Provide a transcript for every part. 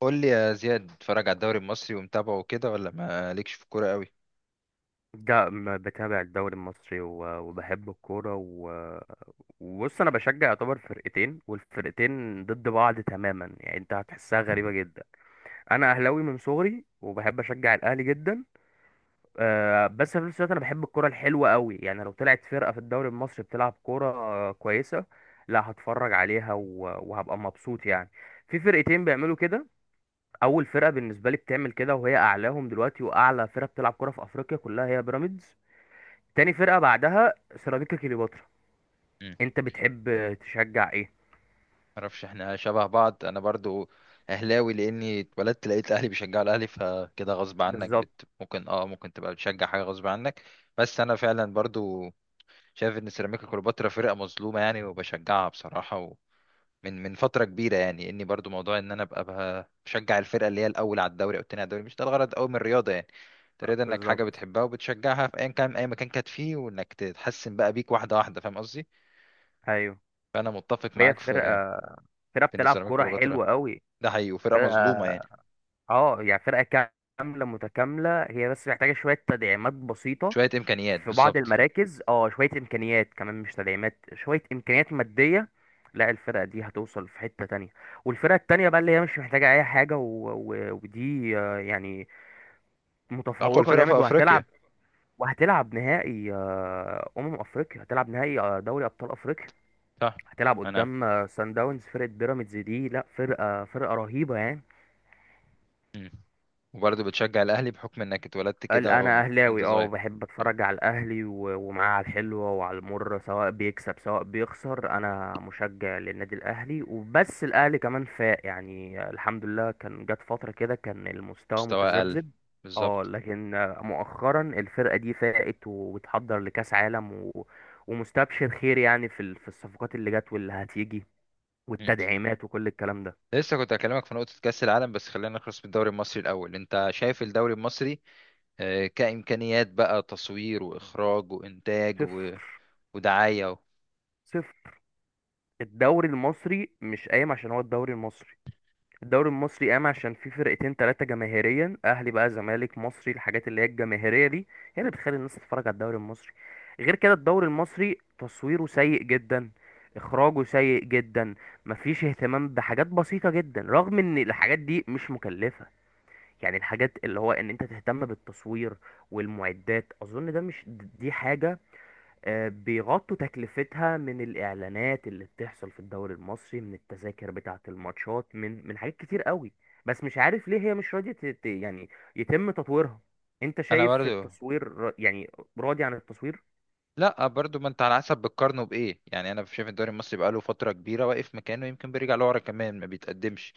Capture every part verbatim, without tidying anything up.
قول لي يا زياد اتفرج على الدوري المصري ومتابعه كده ولا ما ليكش في الكوره قوي؟ ده م- بتابع الدوري المصري و- وبحب الكورة و- وبص، أنا بشجع يعتبر فرقتين، والفرقتين ضد بعض تماما، يعني أنت هتحسها غريبة جدا. أنا أهلاوي من صغري وبحب أشجع الأهلي جدا. آه، بس في نفس الوقت أنا بحب الكورة الحلوة قوي، يعني لو طلعت فرقة في الدوري المصري بتلعب كورة آه، كويسة، لا هتفرج عليها و- وهبقى مبسوط يعني. في فرقتين بيعملوا كده. أول فرقة بالنسبة لي بتعمل كده وهي أعلاهم دلوقتي، وأعلى فرقة بتلعب كورة في أفريقيا كلها هي بيراميدز. تاني فرقة بعدها سيراميكا كليوباترا. امم انت بتحب تشجع ايه؟ معرفش، احنا شبه بعض. انا برضو اهلاوي لاني اتولدت لقيت اهلي بيشجعوا الاهلي، فكده غصب عنك. بالظبط. بت... ممكن اه ممكن تبقى بتشجع حاجه غصب عنك. بس انا فعلا برضو شايف ان سيراميكا كليوباترا فرقه مظلومه، يعني، وبشجعها بصراحه من من فترة كبيرة. يعني اني برضو موضوع ان انا ابقى بقى بشجع الفرقة اللي هي الاول على الدوري او التاني على الدوري، مش ده الغرض قوي من الرياضة يعني. تريد انك حاجة بالظبط. بتحبها وبتشجعها في ايا كان اي مكان كانت فيه، وانك تتحسن بقى بيك واحدة واحدة. فاهم قصدي؟ ايوه. فانا متفق وهي معاك في فرقة فرقة في ان بتلعب سيراميكا كورة كليوباترا حلوة قوي. ده حقيقي، وفرقة فرقة، مظلومة يعني. اه يعني فرقة كاملة متكاملة، هي بس محتاجة شوية تدعيمات بسيطة شوية امكانيات في بعض بالظبط. المراكز، اه شوية امكانيات كمان، مش تدعيمات، شوية امكانيات مادية. لا، الفرقة دي هتوصل في حتة تانية. والفرقة التانية بقى اللي هي مش محتاجة اي حاجة، و... و... ودي آه، يعني اقوى متفوقة الفرقة جامد، في وهتلعب. افريقيا. وهتلعب نهائي، آه، امم افريقيا، هتلعب نهائي آه، دوري ابطال افريقيا. صح. هتلعب انا قدام آه، سان داونز. فرقه بيراميدز دي، لا فرقه فرقه رهيبه يعني. مم. وبرضو بتشجع الاهلي بحكم انك اتولدت ال- كده غم- انا من- وانت اهلاوي، اه، صغير. بحب اتفرج على الاهلي و- ومعاه، على الحلوه وعلى المره، سواء بيكسب سواء بيخسر، انا مشجع للنادي الاهلي وبس. الاهلي كمان فاق يعني، الحمد لله. كان جت فتره كده كان المستوى مستوى اقل. متذبذب، اه بالظبط. لكن مؤخرا الفرقه دي فاقت، وبتحضر لكاس عالم، و... ومستبشر خير يعني في ال- في الصفقات اللي جت واللي هتيجي، والتدعيمات وكل الكلام ده. لسه كنت هكلمك في نقطة كأس العالم، بس خلينا نخلص بالدوري المصري الأول. أنت شايف الدوري المصري آه، كإمكانيات بقى، تصوير وإخراج وإنتاج و- صفر. ودعاية و... صفر. الدوري المصري مش قايم عشان هو الدوري المصري. الدوري المصري قام عشان في فرقتين ثلاثة جماهيريا، أهلي بقى زمالك مصري، الحاجات اللي هي الجماهيرية دي هي اللي بتخلي الناس تتفرج على الدوري المصري. غير كده، الدوري المصري تصويره سيء جدا. إخراجه سيء جدا. مفيش اهتمام بحاجات بسيطة جدا، رغم إن الحاجات دي مش مكلفة. يعني الحاجات اللي هو إن أنت تهتم بالتصوير والمعدات، أظن ده مش، دي حاجة آه، بيغطوا تكلفتها من الإعلانات اللي بتحصل في الدوري المصري، من التذاكر بتاعة الماتشات، من من حاجات كتير قوي. بس مش عارف ليه هي مش راضية ت- ت- يعني يتم تطويرها. انت أنا شايف برضو؟ التصوير، را- يعني راضي عن التصوير؟ لا، برضو، ما انت على حسب بتقارنه بايه يعني. انا شايف الدوري المصري بقاله فتره كبيره واقف مكانه، يمكن بيرجع لورا كمان، ما بيتقدمش.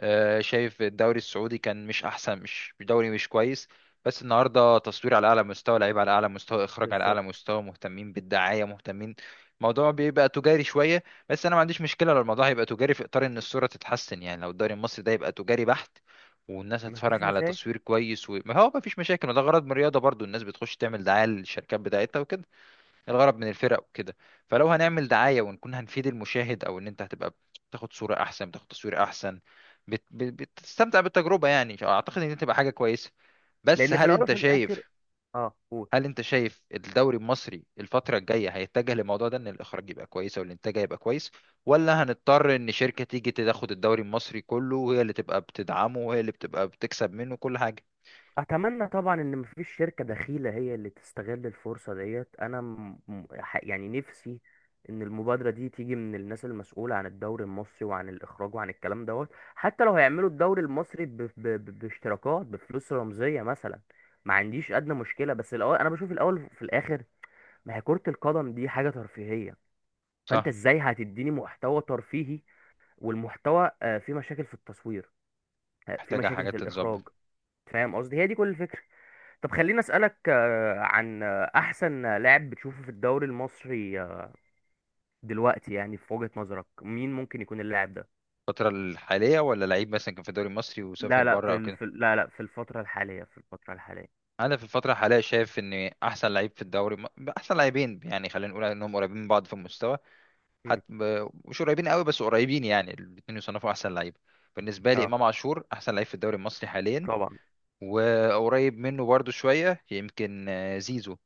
آه، شايف الدوري السعودي كان مش احسن، مش مش دوري مش كويس. بس النهارده تصوير على اعلى مستوى، لعيب على اعلى مستوى، اخراج على اعلى بالظبط. مستوى، مهتمين بالدعايه، مهتمين. الموضوع بيبقى تجاري شويه. بس انا ما عنديش مشكله لو الموضوع هيبقى تجاري في اطار ان الصوره تتحسن يعني. لو الدوري المصري ده يبقى تجاري بحت والناس هتتفرج مفيش على مشاكل، تصوير كويس، وما هو مفيش مشاكل، وده غرض من الرياضه برضو، الناس بتخش تعمل دعايه للشركات بتاعتها وكده. الغرض من الفرق وكده. فلو هنعمل دعاية ونكون هنفيد المشاهد، او ان انت هتبقى بتاخد صورة احسن، بتاخد تصوير احسن، بت... بت- بتستمتع بالتجربة يعني. اعتقد ان دي تبقى حاجة كويسة. بس لأن في هل الأول انت وفي الآخر. شايف اه، قول. هل انت شايف الدوري المصري الفترة الجاية هيتجه للموضوع ده، ان الاخراج يبقى كويس او الانتاج يبقى كويس؟ ولا هنضطر ان شركة تيجي تاخد الدوري المصري كله وهي اللي تبقى بتدعمه وهي اللي بتبقى بتكسب منه كل حاجة؟ اتمنى طبعا ان مفيش شركة دخيلة هي اللي تستغل الفرصة ديت. انا م... م- ح- يعني نفسي ان المبادرة دي تيجي من الناس المسؤولة عن الدوري المصري، وعن الاخراج وعن الكلام دوت. حتى لو هيعملوا الدوري المصري ب... ب... ب... باشتراكات بفلوس رمزية مثلا، ما عنديش ادنى مشكلة. بس الاول، انا بشوف الاول في الاخر، ما هي كرة القدم دي حاجة ترفيهية. فانت صح. ازاي هتديني محتوى ترفيهي؟ والمحتوى آه، فيه مشاكل في التصوير، آه، فيه محتاجة مشاكل حاجات في تتظبط. الاخراج. فاهم قصدي؟ هي دي كل الفكرة. طب خليني اسالك آه، عن آه، احسن لاعب بتشوفه في الدوري المصري آه، دلوقتي، يعني في وجهة نظرك مين ممكن يكون اللاعب ده؟ الفترة الحالية ولا لعيب مثلا كان في الدوري المصري لا وسافر لا، بره في او ال... كده؟ في ال- لا لا، في الفترة الحالية، في الفترة الحالية. انا في الفتره الحاليه شايف ان احسن لعيب في الدوري، احسن لاعبين، يعني خلينا نقول انهم قريبين من بعض في المستوى. مم. حتى مش قريبين قوي، بس قريبين، يعني الاثنين يصنفوا احسن لعيب. بالنسبه لي، اه، امام عاشور احسن لعيب في الدوري المصري حاليا. طبعا. وقريب منه برضو شويه يمكن آه، زيزو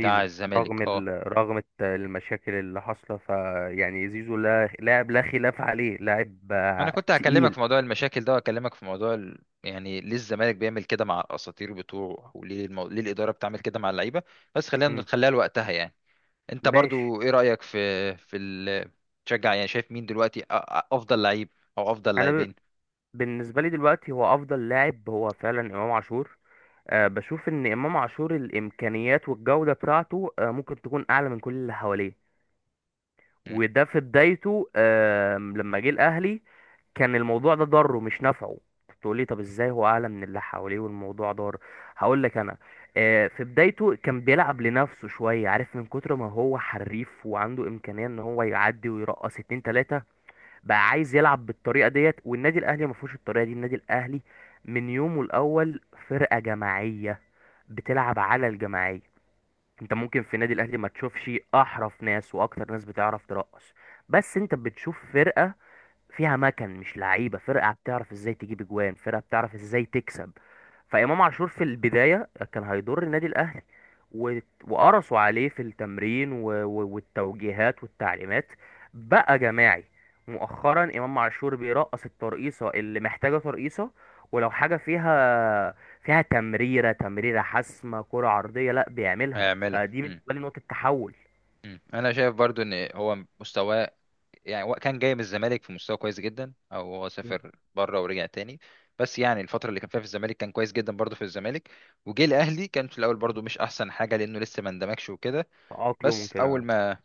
بتاع رغم الزمالك، ال... اه. رغم الت- المشاكل اللي حاصله، فيعني زيزو، لا لاعب لا خلاف عليه، لاعب انا آه، كنت هكلمك تقيل. في موضوع المشاكل ده، واكلمك في موضوع ال... يعني ليه الزمالك بيعمل كده مع الاساطير بتوعه، وليه المو... ليه الاداره بتعمل كده مع اللعيبه. بس خلينا مم. نخليها لوقتها يعني. انت ماشي. برضو ايه رأيك في في ال تشجع؟ يعني شايف مين دلوقتي أ- أ- افضل لعيب، او افضل انا ب... لاعبين؟ بالنسبة لي دلوقتي، هو افضل لاعب هو فعلا امام عاشور. آه، بشوف ان امام عاشور الامكانيات والجوده بتاعته آه، ممكن تكون اعلى من كل اللي حواليه. مم. وده في بدايته آه، لما جه الاهلي، كان الموضوع ده ضره مش نفعه. تقولي طب ازاي هو اعلى من اللي حواليه والموضوع ضار؟ هقول لك انا. آه، في بدايته كان بيلعب لنفسه شويه، عارف من كتر ما هو حريف، وعنده امكانيه ان هو يعدي ويرقص اتنين تلاته. بقى عايز يلعب بالطريقه ديت، والنادي الاهلي ما فيهوش الطريقه دي. النادي الاهلي من يومه الاول، فرقه جماعيه بتلعب على الجماعيه. انت ممكن في النادي الاهلي ما تشوفش احرف ناس واكتر ناس بتعرف ترقص، بس انت بتشوف فرقه فيها مكن مش لعيبه، فرقه بتعرف ازاي تجيب اجوان، فرقه بتعرف ازاي تكسب. فامام عاشور في البدايه كان هيضر النادي الاهلي، و- وقرصوا عليه في التمرين و- و- والتوجيهات والتعليمات، بقى جماعي. مؤخرا، امام عاشور بيرقص الترقيصه اللي محتاجه ترقيصه. ولو حاجه فيها فيها تمريره تمريره حاسمه، كره عرضيه، لا بيعملها. هيعملها فدي مم. بالنسبه لي نقطه تحول. مم. انا شايف برضو ان هو مستواه، يعني هو كان جاي من الزمالك في مستوى كويس جدا، او هو سافر بره ورجع تاني. بس يعني الفترة اللي كان فيها في الزمالك كان كويس جدا برضو في الزمالك. وجه الاهلي كان في الاول برضو مش احسن حاجة لانه لسه ما اندمجش وكده. تأقلم بس اول كده. ما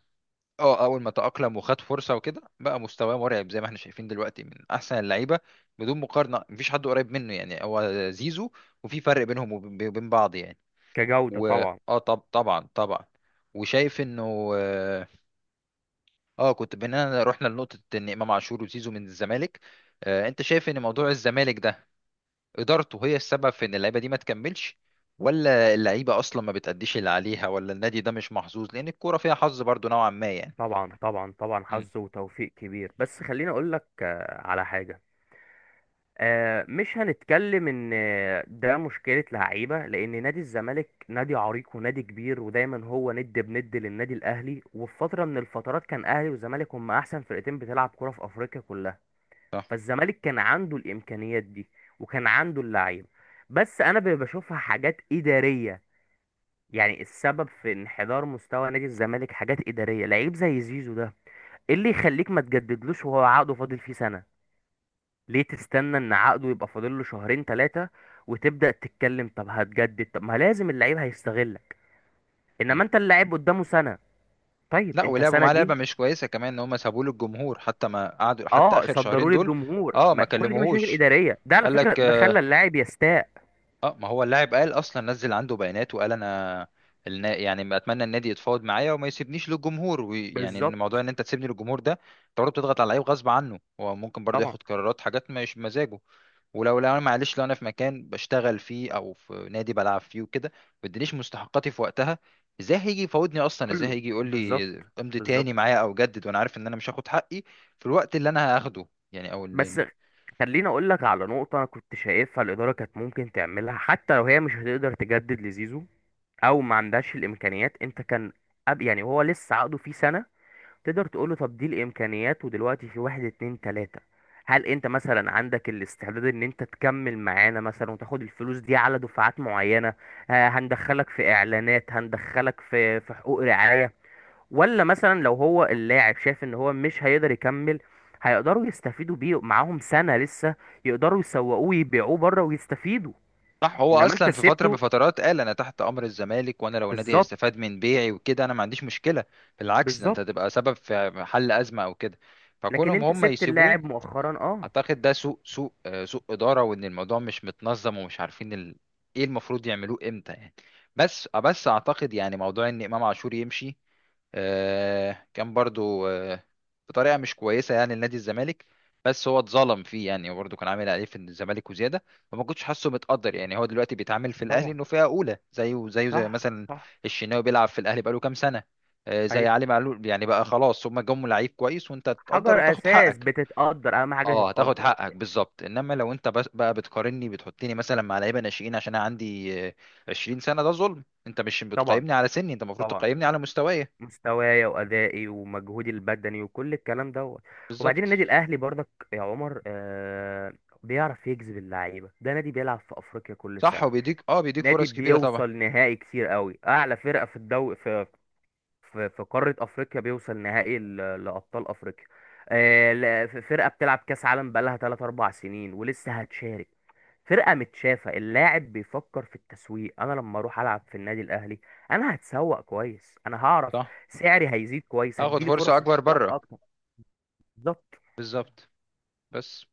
اه اول ما تأقلم وخد فرصة وكده، بقى مستواه مرعب زي ما احنا شايفين دلوقتي، من احسن اللعيبة. بدون مقارنة مفيش حد قريب منه، يعني هو زيزو، وفي فرق بينهم وب- وبين بعض يعني. كجوده طبعا. واه طب، طبعا طبعا. وشايف انه اه آه، كنت بينا رحنا لنقطة ان امام عاشور وزيزو من الزمالك. آه انت شايف ان موضوع الزمالك ده ادارته هي السبب في ان اللعيبة دي ما تكملش؟ ولا اللعيبة اصلا ما بتأديش اللي عليها؟ ولا النادي ده مش محظوظ لان الكورة فيها حظ برضو نوعا ما يعني؟ طبعا، طبعا، طبعا امم حظ وتوفيق كبير. بس خليني اقول لك آه، على حاجه. آه، مش هنتكلم ان آه، ده مشكله لعيبه، لان نادي الزمالك نادي عريق ونادي كبير، ودايما هو ند بند للنادي الاهلي، وفي فتره من الفترات كان اهلي والزمالك هم احسن فرقتين بتلعب كره في افريقيا كلها. صح. فالزمالك كان عنده الامكانيات دي، وكان عنده اللعيبه. بس انا ب- بشوفها حاجات اداريه. يعني السبب في انحدار مستوى نادي الزمالك حاجات اداريه. لعيب زي زيزو ده، ايه اللي يخليك ما تجددلوش وهو عقده فاضل فيه سنة؟ ليه تستنى ان عقده يبقى فاضل له شهرين ثلاثة، وتبدأ تتكلم طب هتجدد؟ طب ما لازم اللعيب هيستغلك. امم. انما انت، اللاعب قدامه سنة. طيب لا، انت، ولعبوا سنة معاه دي، لعبه مش كويسه كمان، ان هم سابوه للجمهور، حتى ما قعدوا حتى اه، اخر شهرين صدروا دول. للجمهور، اه، ما ما كل دي مشاكل كلموهوش. إدارية. ده على قال فكرة لك. ده خلى اللاعب يستاء. اه، ما هو اللاعب قال اصلا، نزل عنده بيانات وقال: انا النا... يعني ما اتمنى النادي يتفاوض معايا وما يسيبنيش للجمهور. ويعني ان بالظبط. موضوع ان انت تسيبني للجمهور ده، انت برضه بتضغط على اللعيب غصب عنه، هو ممكن برضه طبعا. ياخد قرارات حاجات مش بمزاجه. ولو لو انا، معلش، لو انا في مكان بشتغل فيه او في نادي بلعب فيه وكده، ما ادينيش مستحقاتي في وقتها، ازاي هيجي يفاوضني اصلا؟ ازاي كله. هيجي يقول لي بالظبط. امضي تاني بالظبط. معايا، او جدد، وانا عارف ان انا مش هاخد حقي في الوقت اللي انا هاخده؟ يعني او اللي... بس خليني اقول لك على نقطة انا كنت شايفها. الإدارة كانت ممكن تعملها حتى لو هي مش هتقدر تجدد لزيزو، او ما عندهاش الامكانيات. انت كان أب يعني هو لسه عقده فيه سنه، تقدر تقول له طب دي الامكانيات، ودلوقتي في واحد اتنين تلاته، هل انت مثلا عندك الاستعداد ان انت تكمل معانا مثلا، وتاخد الفلوس دي على دفعات معينه؟ آه، هندخلك في اعلانات، هندخلك في في حقوق رعايه. ولا مثلا لو هو اللاعب شايف ان هو مش هيقدر يكمل، هيقدروا يستفيدوا بيه معاهم سنه لسه، يقدروا يسوقوه ويبيعوه بره ويستفيدوا. صح. هو انما انت اصلا في فتره من سيبته. الفترات قال انا تحت امر الزمالك، وانا لو النادي بالظبط. هيستفاد من بيعي وكده، انا ما عنديش مشكله. بالعكس، ده انت بالظبط. هتبقى سبب في حل ازمه او كده. لكن فكونهم انت هم سبت يسيبوه... اللاعب مؤخرا، اه. اعتقد ده سوء سوء آه، سوء اداره، وان الموضوع مش متنظم، ومش عارفين ال... ايه المفروض يعملوه امتى يعني. بس بس اعتقد يعني موضوع ان امام عاشور يمشي آه، كان برضو آه، بطريقه مش كويسه يعني لنادي الزمالك. بس هو اتظلم فيه يعني، وبرضه كان عامل عليه في الزمالك وزياده. فما كنتش حاسه متقدر، يعني هو دلوقتي بيتعامل في الاهلي طبعا. انه فئه اولى، زيه زيه زي صح. مثلا صح. الشناوي بيلعب في الاهلي بقاله كام سنه. آه، زي ايوه. علي معلول، يعني بقى خلاص هما جم لعيب كويس، وانت تقدر حجر وتاخد اساس حقك. بتتقدر، اهم حاجه اه، هتاخد تتقدر. حقك، بالظبط. انما لو انت بس- بقى بتقارني، بتحطني مثلا مع لعيبه ناشئين عشان انا عندي آه، عشرين سنه، ده ظلم. انت مش طبعا، بتقيمني على سني، انت المفروض طبعا، تقيمني على مستواي. مستوايا وادائي ومجهودي البدني وكل الكلام دوت. وبعدين بالظبط. النادي الاهلي برضك، يا عمر، آه بيعرف يجذب اللعيبه. ده نادي بيلعب في افريقيا كل صح، سنه، وبيديك اه بيديك نادي فرص كبيرة طبعا. بيوصل نهائي كتير قوي، اعلى فرقه في الدوري في في قارة أفريقيا، بيوصل نهائي ل- لأبطال أفريقيا. آه، لا- ف- فرقة بتلعب كأس عالم بقالها ثلاثة أربعة سنين، ولسه هتشارك. فرقة متشافة، اللاعب بيفكر في التسويق، أنا لما أروح ألعب في النادي الأهلي، أنا هتسوق كويس، أنا هعرف صح، سعري هيزيد كويس، هاخد هتجيلي فرصة فرص اكبر احتراف بره. أكتر. بالظبط. بالظبط. بس